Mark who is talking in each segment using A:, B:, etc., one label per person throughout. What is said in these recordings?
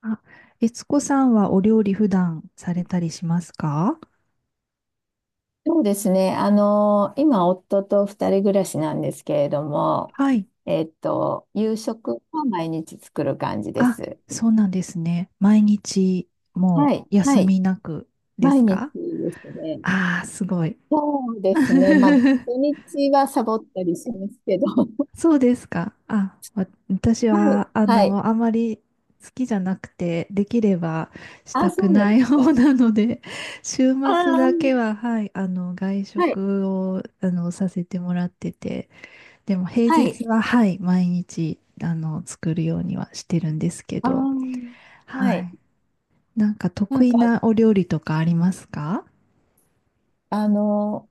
A: あ、悦子さんはお料理普段されたりしますか？
B: そうですね。今、夫と二人暮らしなんですけれども、
A: はい。
B: 夕食は毎日作る感じで
A: あ、
B: す。
A: そうなんですね。毎日も
B: はい、
A: う
B: は
A: 休
B: い。
A: みなくで
B: 毎
A: す
B: 日
A: か？
B: ですね。
A: ああー、すごい。
B: そうですね。まあ、土 日はサボったりしますけど。
A: そうですか。あ、私
B: はい、
A: は、
B: はい。
A: あまり好きじゃなくて、できればした
B: あ、そ
A: く
B: うなん
A: な
B: です
A: い方
B: か。
A: なので、週
B: あ
A: 末
B: あ、
A: だけは、はい、外
B: はい、
A: 食を、させてもらってて、でも平
B: は
A: 日
B: い。
A: は、はい、毎日、作るようにはしてるんですけ
B: あ
A: ど、
B: あ、は
A: は
B: い。
A: い。なんか
B: な
A: 得
B: ん
A: 意
B: か、
A: なお料理とかありますか？
B: あの、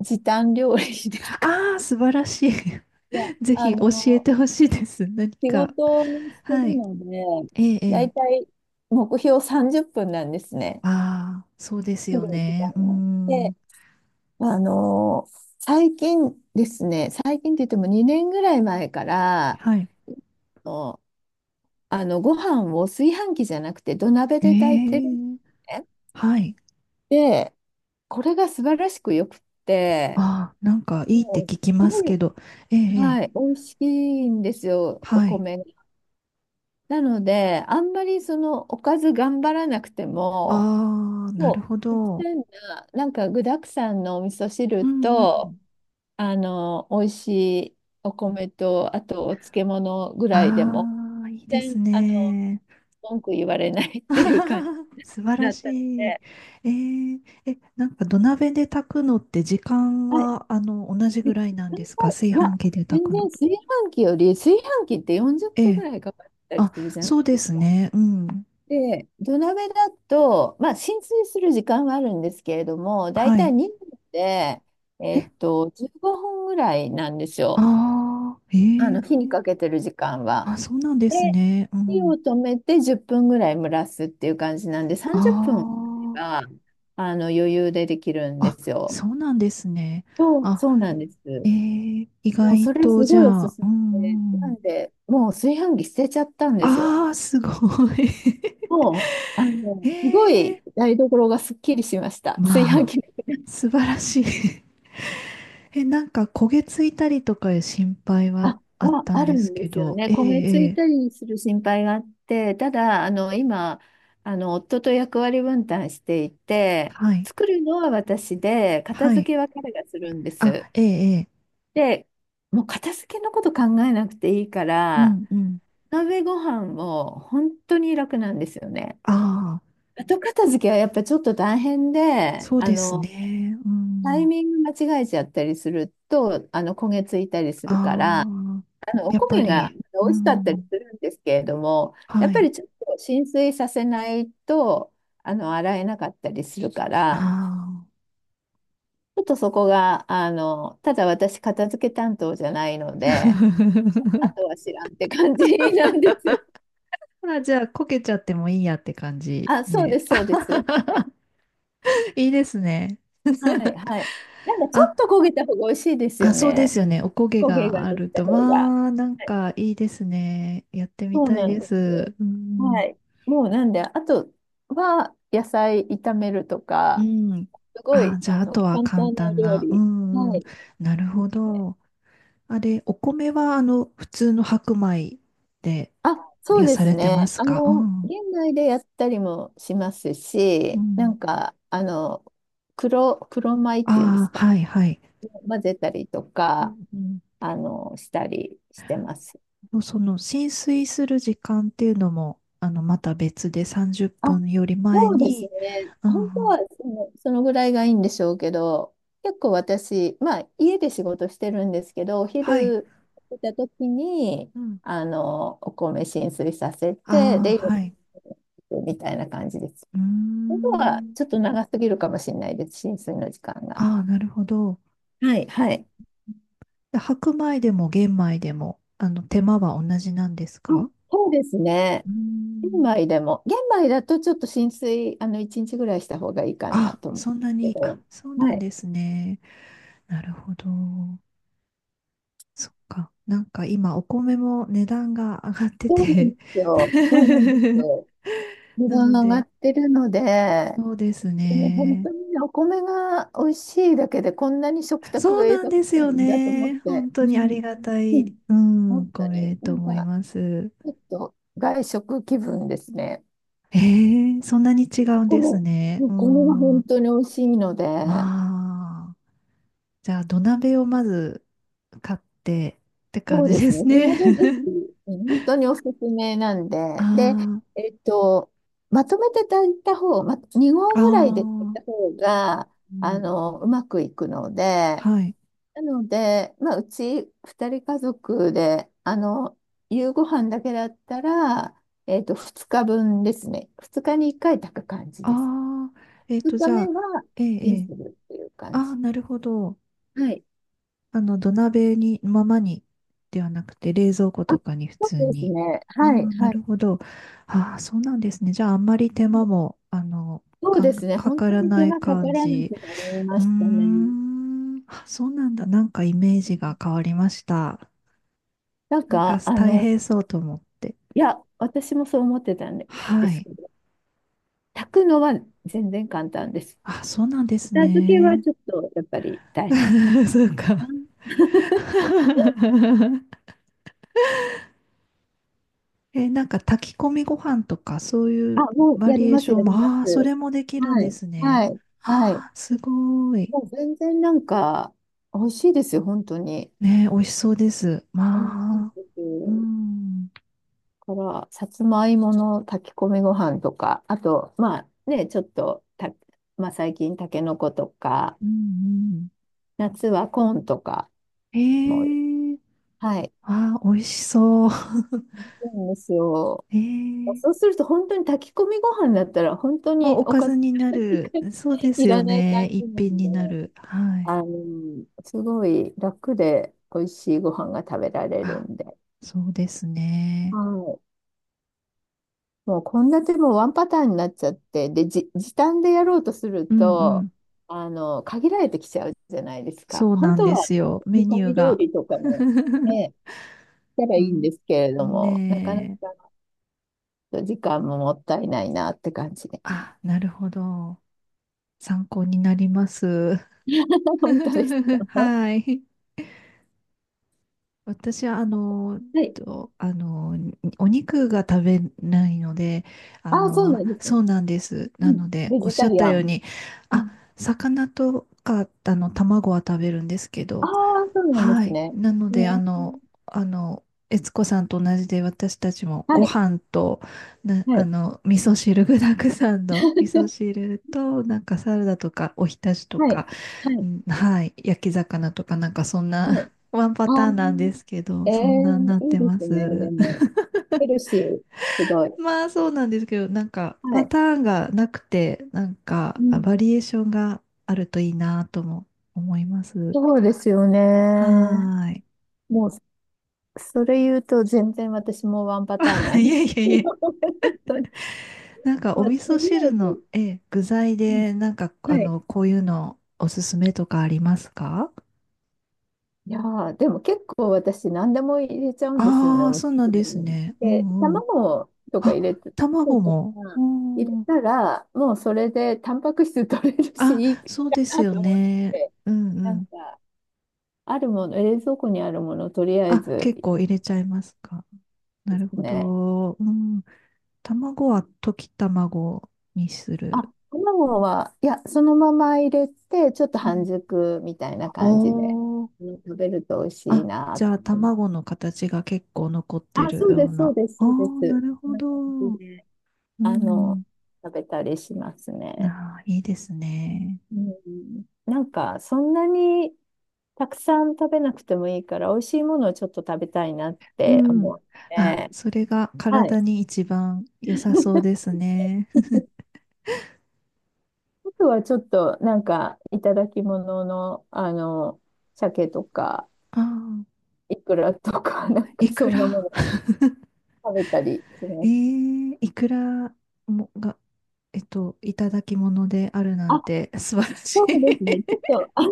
B: 時短料理ですか。
A: ああー、素晴らしい。
B: いや、
A: ぜ
B: あ
A: ひ教え
B: の、
A: てほしいです。何
B: 仕
A: か。
B: 事をして
A: は
B: る
A: い。
B: ので、
A: ええ、え
B: だい
A: え。
B: たい目標30分なんですね。
A: ああ、そうです
B: 来
A: よ
B: る時間
A: ね。うー
B: が。
A: ん。
B: で、最近ですね、最近って言っても2年ぐらい前から、
A: はい。
B: のご飯を炊飯器じゃなくて土鍋
A: え
B: で炊いてるんです
A: え、
B: ね。
A: はい。
B: で、これが素晴らしくよくって、
A: ああ、なんかいいって
B: もうす
A: 聞きます
B: ご
A: け
B: い、
A: ど。ええ、ええ、
B: はい、美味しいんですよ、お
A: はい。
B: 米が。なので、あんまりそのおかず頑張らなくても、
A: ああ、なる
B: そ
A: ほ
B: う、極
A: ど。
B: 端な、なんか具沢山のお味噌
A: う
B: 汁
A: んう
B: と、
A: ん。
B: 美味しいお米と、あとお漬物ぐらいでも、
A: ああ、いいで
B: 全
A: す
B: 然、
A: ね。
B: 文句言われないっていう感じに
A: 素晴ら
B: なったの
A: しい。
B: で、
A: えー、え、なんか土鍋で炊くのって時間
B: はい。
A: は、同じ
B: い
A: ぐ
B: い
A: らいなんですか、炊飯
B: や、
A: 器で炊
B: 全
A: く
B: 然
A: のと。
B: 炊飯器より、炊飯器って40
A: え
B: 分ぐ
A: え。
B: らいかかったり
A: あ、
B: するじゃない
A: そうで
B: です
A: す
B: か。
A: ね。うん。
B: で、土鍋だと、まあ、浸水する時間はあるんですけれども、だい
A: は
B: たい
A: い。
B: 2分で、
A: え、
B: 15分ぐらいなんですよ。
A: ああ、
B: あ
A: ええ。
B: の、火にかけてる時間は。
A: あ、そうなんです
B: で、
A: ね。う
B: 火を
A: ん。
B: 止めて10分ぐらい蒸らすっていう感じなんで、
A: あ
B: 30分あれば、余裕でできるんで
A: あ、あ、
B: すよ。
A: そうなんですね。
B: そう、
A: あ、
B: そうなんで
A: え
B: す。
A: え、意
B: もう
A: 外
B: それす
A: と、じ
B: ご
A: ゃ
B: いおす
A: あ、
B: す
A: うん、
B: め
A: う
B: で、な
A: ん。
B: んで、もう炊飯器捨てちゃったんですよ。
A: ああ、すごい。
B: もう、すごい
A: ええ、
B: 台所がすっきりしました。炊飯
A: まあ、
B: 器。
A: 素晴らしい。 え、なんか焦げついたりとかいう心配は
B: あ、
A: あっ
B: まあ、
A: たん
B: ある
A: です
B: んで
A: け
B: すよ
A: ど、
B: ね。
A: ええ、
B: 焦げつい
A: え
B: たりする心配があって、ただ、今、夫と役割分担してい
A: え、
B: て、
A: はい、
B: 作るのは私で、片
A: は
B: 付
A: い。
B: けは彼がするんで
A: あ、
B: す。
A: ええ、ええ、
B: で、もう片付けのこと考えなくていいか
A: う
B: ら、
A: ん、うん。
B: 鍋ご飯も本当に楽なんですよね。
A: ああ、
B: 後片付けはやっぱちょっと大変で、
A: そうですね。う
B: タイ
A: ん。
B: ミング間違えちゃったりすると、焦げついたりするから、
A: ああ、
B: お
A: やっ
B: 焦
A: ぱ
B: げが
A: り、う
B: 美味しかったり
A: ん、
B: するんですけれども、やっ
A: は
B: ぱ
A: い。
B: りちょっと浸水させないと、洗えなかったりするか
A: あ
B: ら、ちょっとそこが、ただ私、片付け担当じゃないの
A: あ。
B: で、あと は知らんって感じなんです。
A: あ、じゃあ、こけちゃってもいいやって感じ
B: あ、そう
A: で。
B: です、そうです。
A: いいですね。
B: はい、はい。なんかち
A: あ
B: ょっと焦げた方が美味しいです
A: あ、
B: よ
A: そうで
B: ね。
A: すよね。おこげ
B: 焦げ
A: が
B: が
A: あ
B: でき
A: ると。
B: た方が。
A: わー、なん
B: はい、
A: かいいですね。やってみ
B: そう
A: たい
B: なん
A: で
B: です。
A: す。う
B: は
A: ん。
B: い。もうなんで、あとは野菜炒めると
A: う
B: か、
A: ん。
B: すご
A: あ、
B: い、
A: じゃあ、あとは
B: 簡
A: 簡
B: 単な
A: 単
B: 料
A: な。う
B: 理。
A: んう
B: は
A: ん。
B: い。
A: なる
B: で
A: ほ
B: すね。
A: ど。あれ、お米は、普通の白米で、
B: あ、
A: い
B: そう
A: や、
B: で
A: さ
B: す
A: れてま
B: ね。
A: すか？う
B: 現
A: ん。
B: 代でやったりもします
A: う
B: し、な
A: ん。
B: んか、黒米っていうんで
A: あ
B: す
A: あ、
B: か。
A: はいはい。
B: 混ぜたりと
A: う
B: か、
A: ん。
B: したりしてます。
A: うん、その、浸水する時間っていうのも、また別で30
B: あ、
A: 分より前
B: そうです
A: に、
B: ね。
A: うん
B: 本当
A: うん。
B: はその、そのぐらいがいいんでしょうけど、結構私、まあ家で仕事してるんですけど、お
A: はい。
B: 昼出た時に、
A: うん。
B: お米浸水させて、
A: あ
B: で、
A: あ、はい。
B: 夜みたいな感じです。
A: うー
B: 本当は
A: ん。
B: ちょっと長すぎるかもしれないです、浸水の時間が。
A: ああ、なるほど。
B: はい、はい。
A: で白米でも玄米でも、手間は同じなんです
B: あ、
A: か？う
B: そうですね。
A: ーん。
B: 玄米だとちょっと浸水、1日ぐらいした方がいいかな
A: あ、
B: と思うんで
A: そんな
B: すけ
A: に、あ、
B: ど、
A: そうな
B: は
A: ん
B: い。
A: ですね。なるほど。そっか。なんか今、お米も値段が上がって
B: そうなん
A: て。
B: ですよ。そうなんです よ。値
A: な
B: 段
A: の
B: が上が
A: で、
B: ってるので、
A: そうです
B: でも本
A: ね。
B: 当にね、お米が美味しいだけでこんなに食卓
A: そう
B: が
A: なん
B: 豊か
A: で
B: に
A: す
B: な
A: よ
B: るんだと思っ
A: ね。
B: て、
A: 本
B: う
A: 当にあり
B: ん、
A: がた
B: う
A: い、
B: ん、
A: うん、お
B: 本当に
A: 米
B: な
A: と
B: ん
A: 思い
B: か
A: ます。
B: ちょっと外食気分ですね。
A: ええ、そんなに違
B: お
A: うんです
B: 米、
A: ね。
B: お
A: うー
B: 米が本
A: ん。
B: 当に美味しいので、
A: まあ、じゃあ土鍋をまず買ってって感
B: そうで
A: じで
B: す
A: す
B: ね。そ
A: ね。
B: れでぜひ、本当におすすめなん で。で、
A: あ
B: えっと、まとめて炊いた方、ま、2
A: あ、
B: 合
A: あ
B: ぐらいで炊いた
A: あ、
B: 方が、
A: うん。
B: うまくいくので、
A: はい。
B: なので、まあ、うち2人家族で、夕ご飯だけだったら、2日分ですね。2日に1回炊く感じです。
A: ああ、えっと、
B: 2日
A: じゃ
B: 目
A: あ、
B: は
A: ええ、
B: チ
A: え
B: ンす
A: え。
B: るっていう感
A: ああ、
B: じ。
A: なるほど。
B: はい。
A: 土鍋に、ままに、ではなくて、冷蔵庫
B: あ、
A: とかに普
B: そ
A: 通
B: うです
A: に。
B: ね。
A: ああ、
B: はい、
A: な
B: はい。
A: るほど。ああ、そうなんですね。じゃあ、あんまり手間も、
B: そう
A: か
B: で
A: ん、
B: すね。
A: か
B: 本
A: か
B: 当
A: ら
B: に手
A: ない
B: 間かか
A: 感
B: らな
A: じ。
B: くなりま
A: うー
B: したね。
A: ん。あ、そうなんだ。なんかイメージが変わりました。
B: なん
A: なんか
B: か、
A: 大変そうと思って。
B: いや、私もそう思ってたんで
A: は
B: す
A: い。
B: けど、炊くのは全然簡単です。
A: あ、そうなんです
B: 片付けは
A: ね。
B: ちょっとやっぱり大変で
A: そうか。
B: す ね。
A: え、なんか炊き込みご飯とかそうい
B: あ、
A: う
B: もう
A: バ
B: や
A: リ
B: り
A: エー
B: ます、
A: ショ
B: や
A: ン
B: り
A: も、
B: ま
A: ああ、そ
B: す。
A: れもできるん
B: は
A: で
B: い、
A: す
B: は
A: ね。
B: い、はい。
A: ああ、すごい。
B: もう全然なんか、美味しいですよ、本当に。
A: ね、美味しそうです。
B: 美味し
A: ま
B: い
A: あ、
B: で
A: う
B: す。
A: ん、
B: から、さつまいもの炊き込みご飯とか、あと、まあね、ちょっとた、まあ最近、たけのことか、
A: うん、うん。
B: 夏はコーンとかも、
A: ええ、
B: はい、
A: ああ、美味しそう。
B: いいんですよ。
A: ええ、
B: そうすると本当に炊き込みご飯だったら本当
A: もう
B: に
A: お
B: お
A: か
B: か
A: ず
B: ず
A: にな
B: が
A: る。そうです
B: い
A: よ
B: らない感
A: ね。
B: じ
A: 一
B: なん
A: 品に
B: で、
A: なる。はい。
B: すごい楽で美味しいご飯が食べられる
A: あ、
B: んで、
A: そうです
B: は
A: ね。
B: い。もう献立もワンパターンになっちゃって、で、時短でやろうとする
A: うんう
B: と、
A: ん。
B: 限られてきちゃうじゃないですか。
A: そう
B: 本
A: なん
B: 当
A: で
B: は
A: すよ。メ
B: 煮
A: ニ
B: 込
A: ュー
B: み料
A: が。
B: 理とかも ね、したら
A: う
B: いいん
A: ん。
B: ですけれども、なかなか
A: ねえ。
B: と時間ももったいないなって感じで。
A: あ、なるほど。参考になります。
B: 本当ですか？
A: はい。私はあの、
B: はい。
A: とお肉が食べないので、
B: ああ、そうなんですね。
A: そうなんです。な
B: う
A: の
B: ん。
A: で、
B: ベ
A: おっ
B: ジ
A: し
B: タ
A: ゃっ
B: リ
A: た
B: ア
A: よう
B: ン。
A: に、あ、
B: あ
A: 魚とか、卵は食べるんですけ
B: あ
A: ど、
B: ー、そうなんで
A: は
B: す
A: い。
B: ね。
A: なの
B: ね。
A: で、あの、悦子さんと同じで、私たちも
B: は
A: ご
B: い。
A: 飯と、な、
B: はい。
A: 味噌汁、具だくさんの味噌 汁と、なんかサラダとか、おひたしと
B: はい。
A: か、
B: は
A: う
B: い。
A: ん、はい。焼き魚とかなんかそん
B: は
A: な、
B: い。
A: ワンパ
B: ああ。
A: ターンなんですけど、
B: え
A: そん
B: え、
A: なんなっ
B: いい
A: て
B: で
A: ま
B: すね。で
A: す。
B: も、ヘルシー、すごい。
A: まあそうなんですけど、なんか
B: は
A: パ
B: い。
A: ターンがなくて、なんか
B: う
A: あ
B: ん。
A: バリエーションがあるといいなとも思います。
B: そうですよ
A: は
B: ね。
A: ー
B: もう、それ言うと全然私もワンパターンな
A: い。
B: ん
A: い
B: です
A: えいえい
B: けど、
A: え。
B: 本当に
A: なんかお
B: まあ、と
A: 味噌
B: りあ
A: 汁
B: え
A: の、
B: ず、
A: ええ、具材
B: うん、
A: で、なんかあ
B: はい。
A: の、こういうのおすすめとかありますか？
B: いやーでも結構私何でも入れちゃうんですよね、
A: ああ
B: お
A: ー、
B: 味
A: そうな
B: 噌
A: んで
B: 汁
A: す
B: に。
A: ね。う
B: で、
A: んうん。
B: 卵とか入れ
A: あ、
B: て、卵
A: 卵
B: とか
A: も。う
B: 入れ
A: ん。
B: たら、もうそれでタンパク質取れるし、
A: あ、
B: いいか
A: そうです
B: な
A: よ
B: と思っ
A: ね。
B: て、
A: うんう
B: なん
A: ん。
B: か、あるもの、冷蔵庫にあるもの、とりあえ
A: あ、
B: ず
A: 結構入れちゃいますか。な
B: で
A: る
B: す
A: ほ
B: ね。
A: ど。うん。卵は溶き卵にする。
B: あ、卵は、いや、そのまま入れて、ちょっと
A: う
B: 半
A: ん。
B: 熟みたいな感じで、
A: おー。
B: うん、食べると美味しい
A: あ、
B: な
A: じ
B: っ
A: ゃ
B: て。
A: あ卵の形が結構残って
B: あ、
A: る
B: そう
A: よ
B: で
A: う
B: す、そう
A: な。
B: です、
A: ああ、
B: そうで
A: な
B: す。
A: る
B: こん
A: ほ
B: な感じ
A: ど。
B: で。
A: う
B: あの、
A: ん。
B: 食べたりしますね。
A: なあ、いいですね。
B: うん。なんか、そんなにたくさん食べなくてもいいから、美味しいものをちょっと食べたいなっ
A: う
B: て
A: ん。
B: 思っ
A: あ、
B: て、
A: それが
B: は
A: 体
B: い。
A: に一番良さそう ですね。
B: あとはちょっと、なんか、いただき物の、鮭とか、
A: あ
B: イクラとか、な
A: あ、
B: んか、
A: いく
B: そんなも
A: ら。
B: の食べたりしま
A: え
B: す。
A: ー、いくらもが、えっと、いただき物であるなん
B: あ、
A: て。 素晴らしい。
B: そうですね。ちょっと、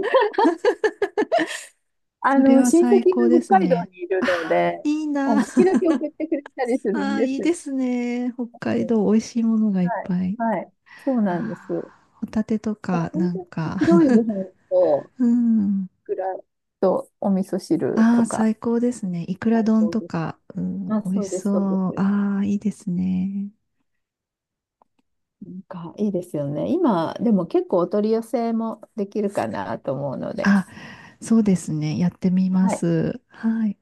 B: あ
A: それ
B: の、
A: は
B: 親戚が
A: 最高です
B: 北海道
A: ね。
B: にいる
A: あ
B: の
A: あ、
B: で、
A: いい
B: あの
A: な。
B: 時 々送ってくれたりする
A: あ
B: ん
A: あ、
B: で
A: いい
B: す。
A: ですね。北
B: は
A: 海
B: い、
A: 道、美味しいものがいっ
B: はい。
A: ぱい。
B: はい。そうなんで
A: あ
B: すよ。
A: ー、ホタテと
B: だから
A: か、
B: 本
A: なん
B: 当に
A: か、
B: 白いご飯と、
A: うん。
B: ぐらいと、お味噌汁
A: あ
B: と
A: あ、
B: か、
A: 最高ですね。いくら
B: 最
A: 丼
B: 高
A: と
B: です。
A: か、うん、
B: あ、
A: 美味
B: そう
A: し
B: です、
A: そ
B: そうで
A: う。
B: す。
A: ああ、いいですね。
B: なんか、いいですよね。今、でも結構お取り寄せもできるかなと思うので。
A: あ、そうですね。やってみま
B: はい
A: す。はい。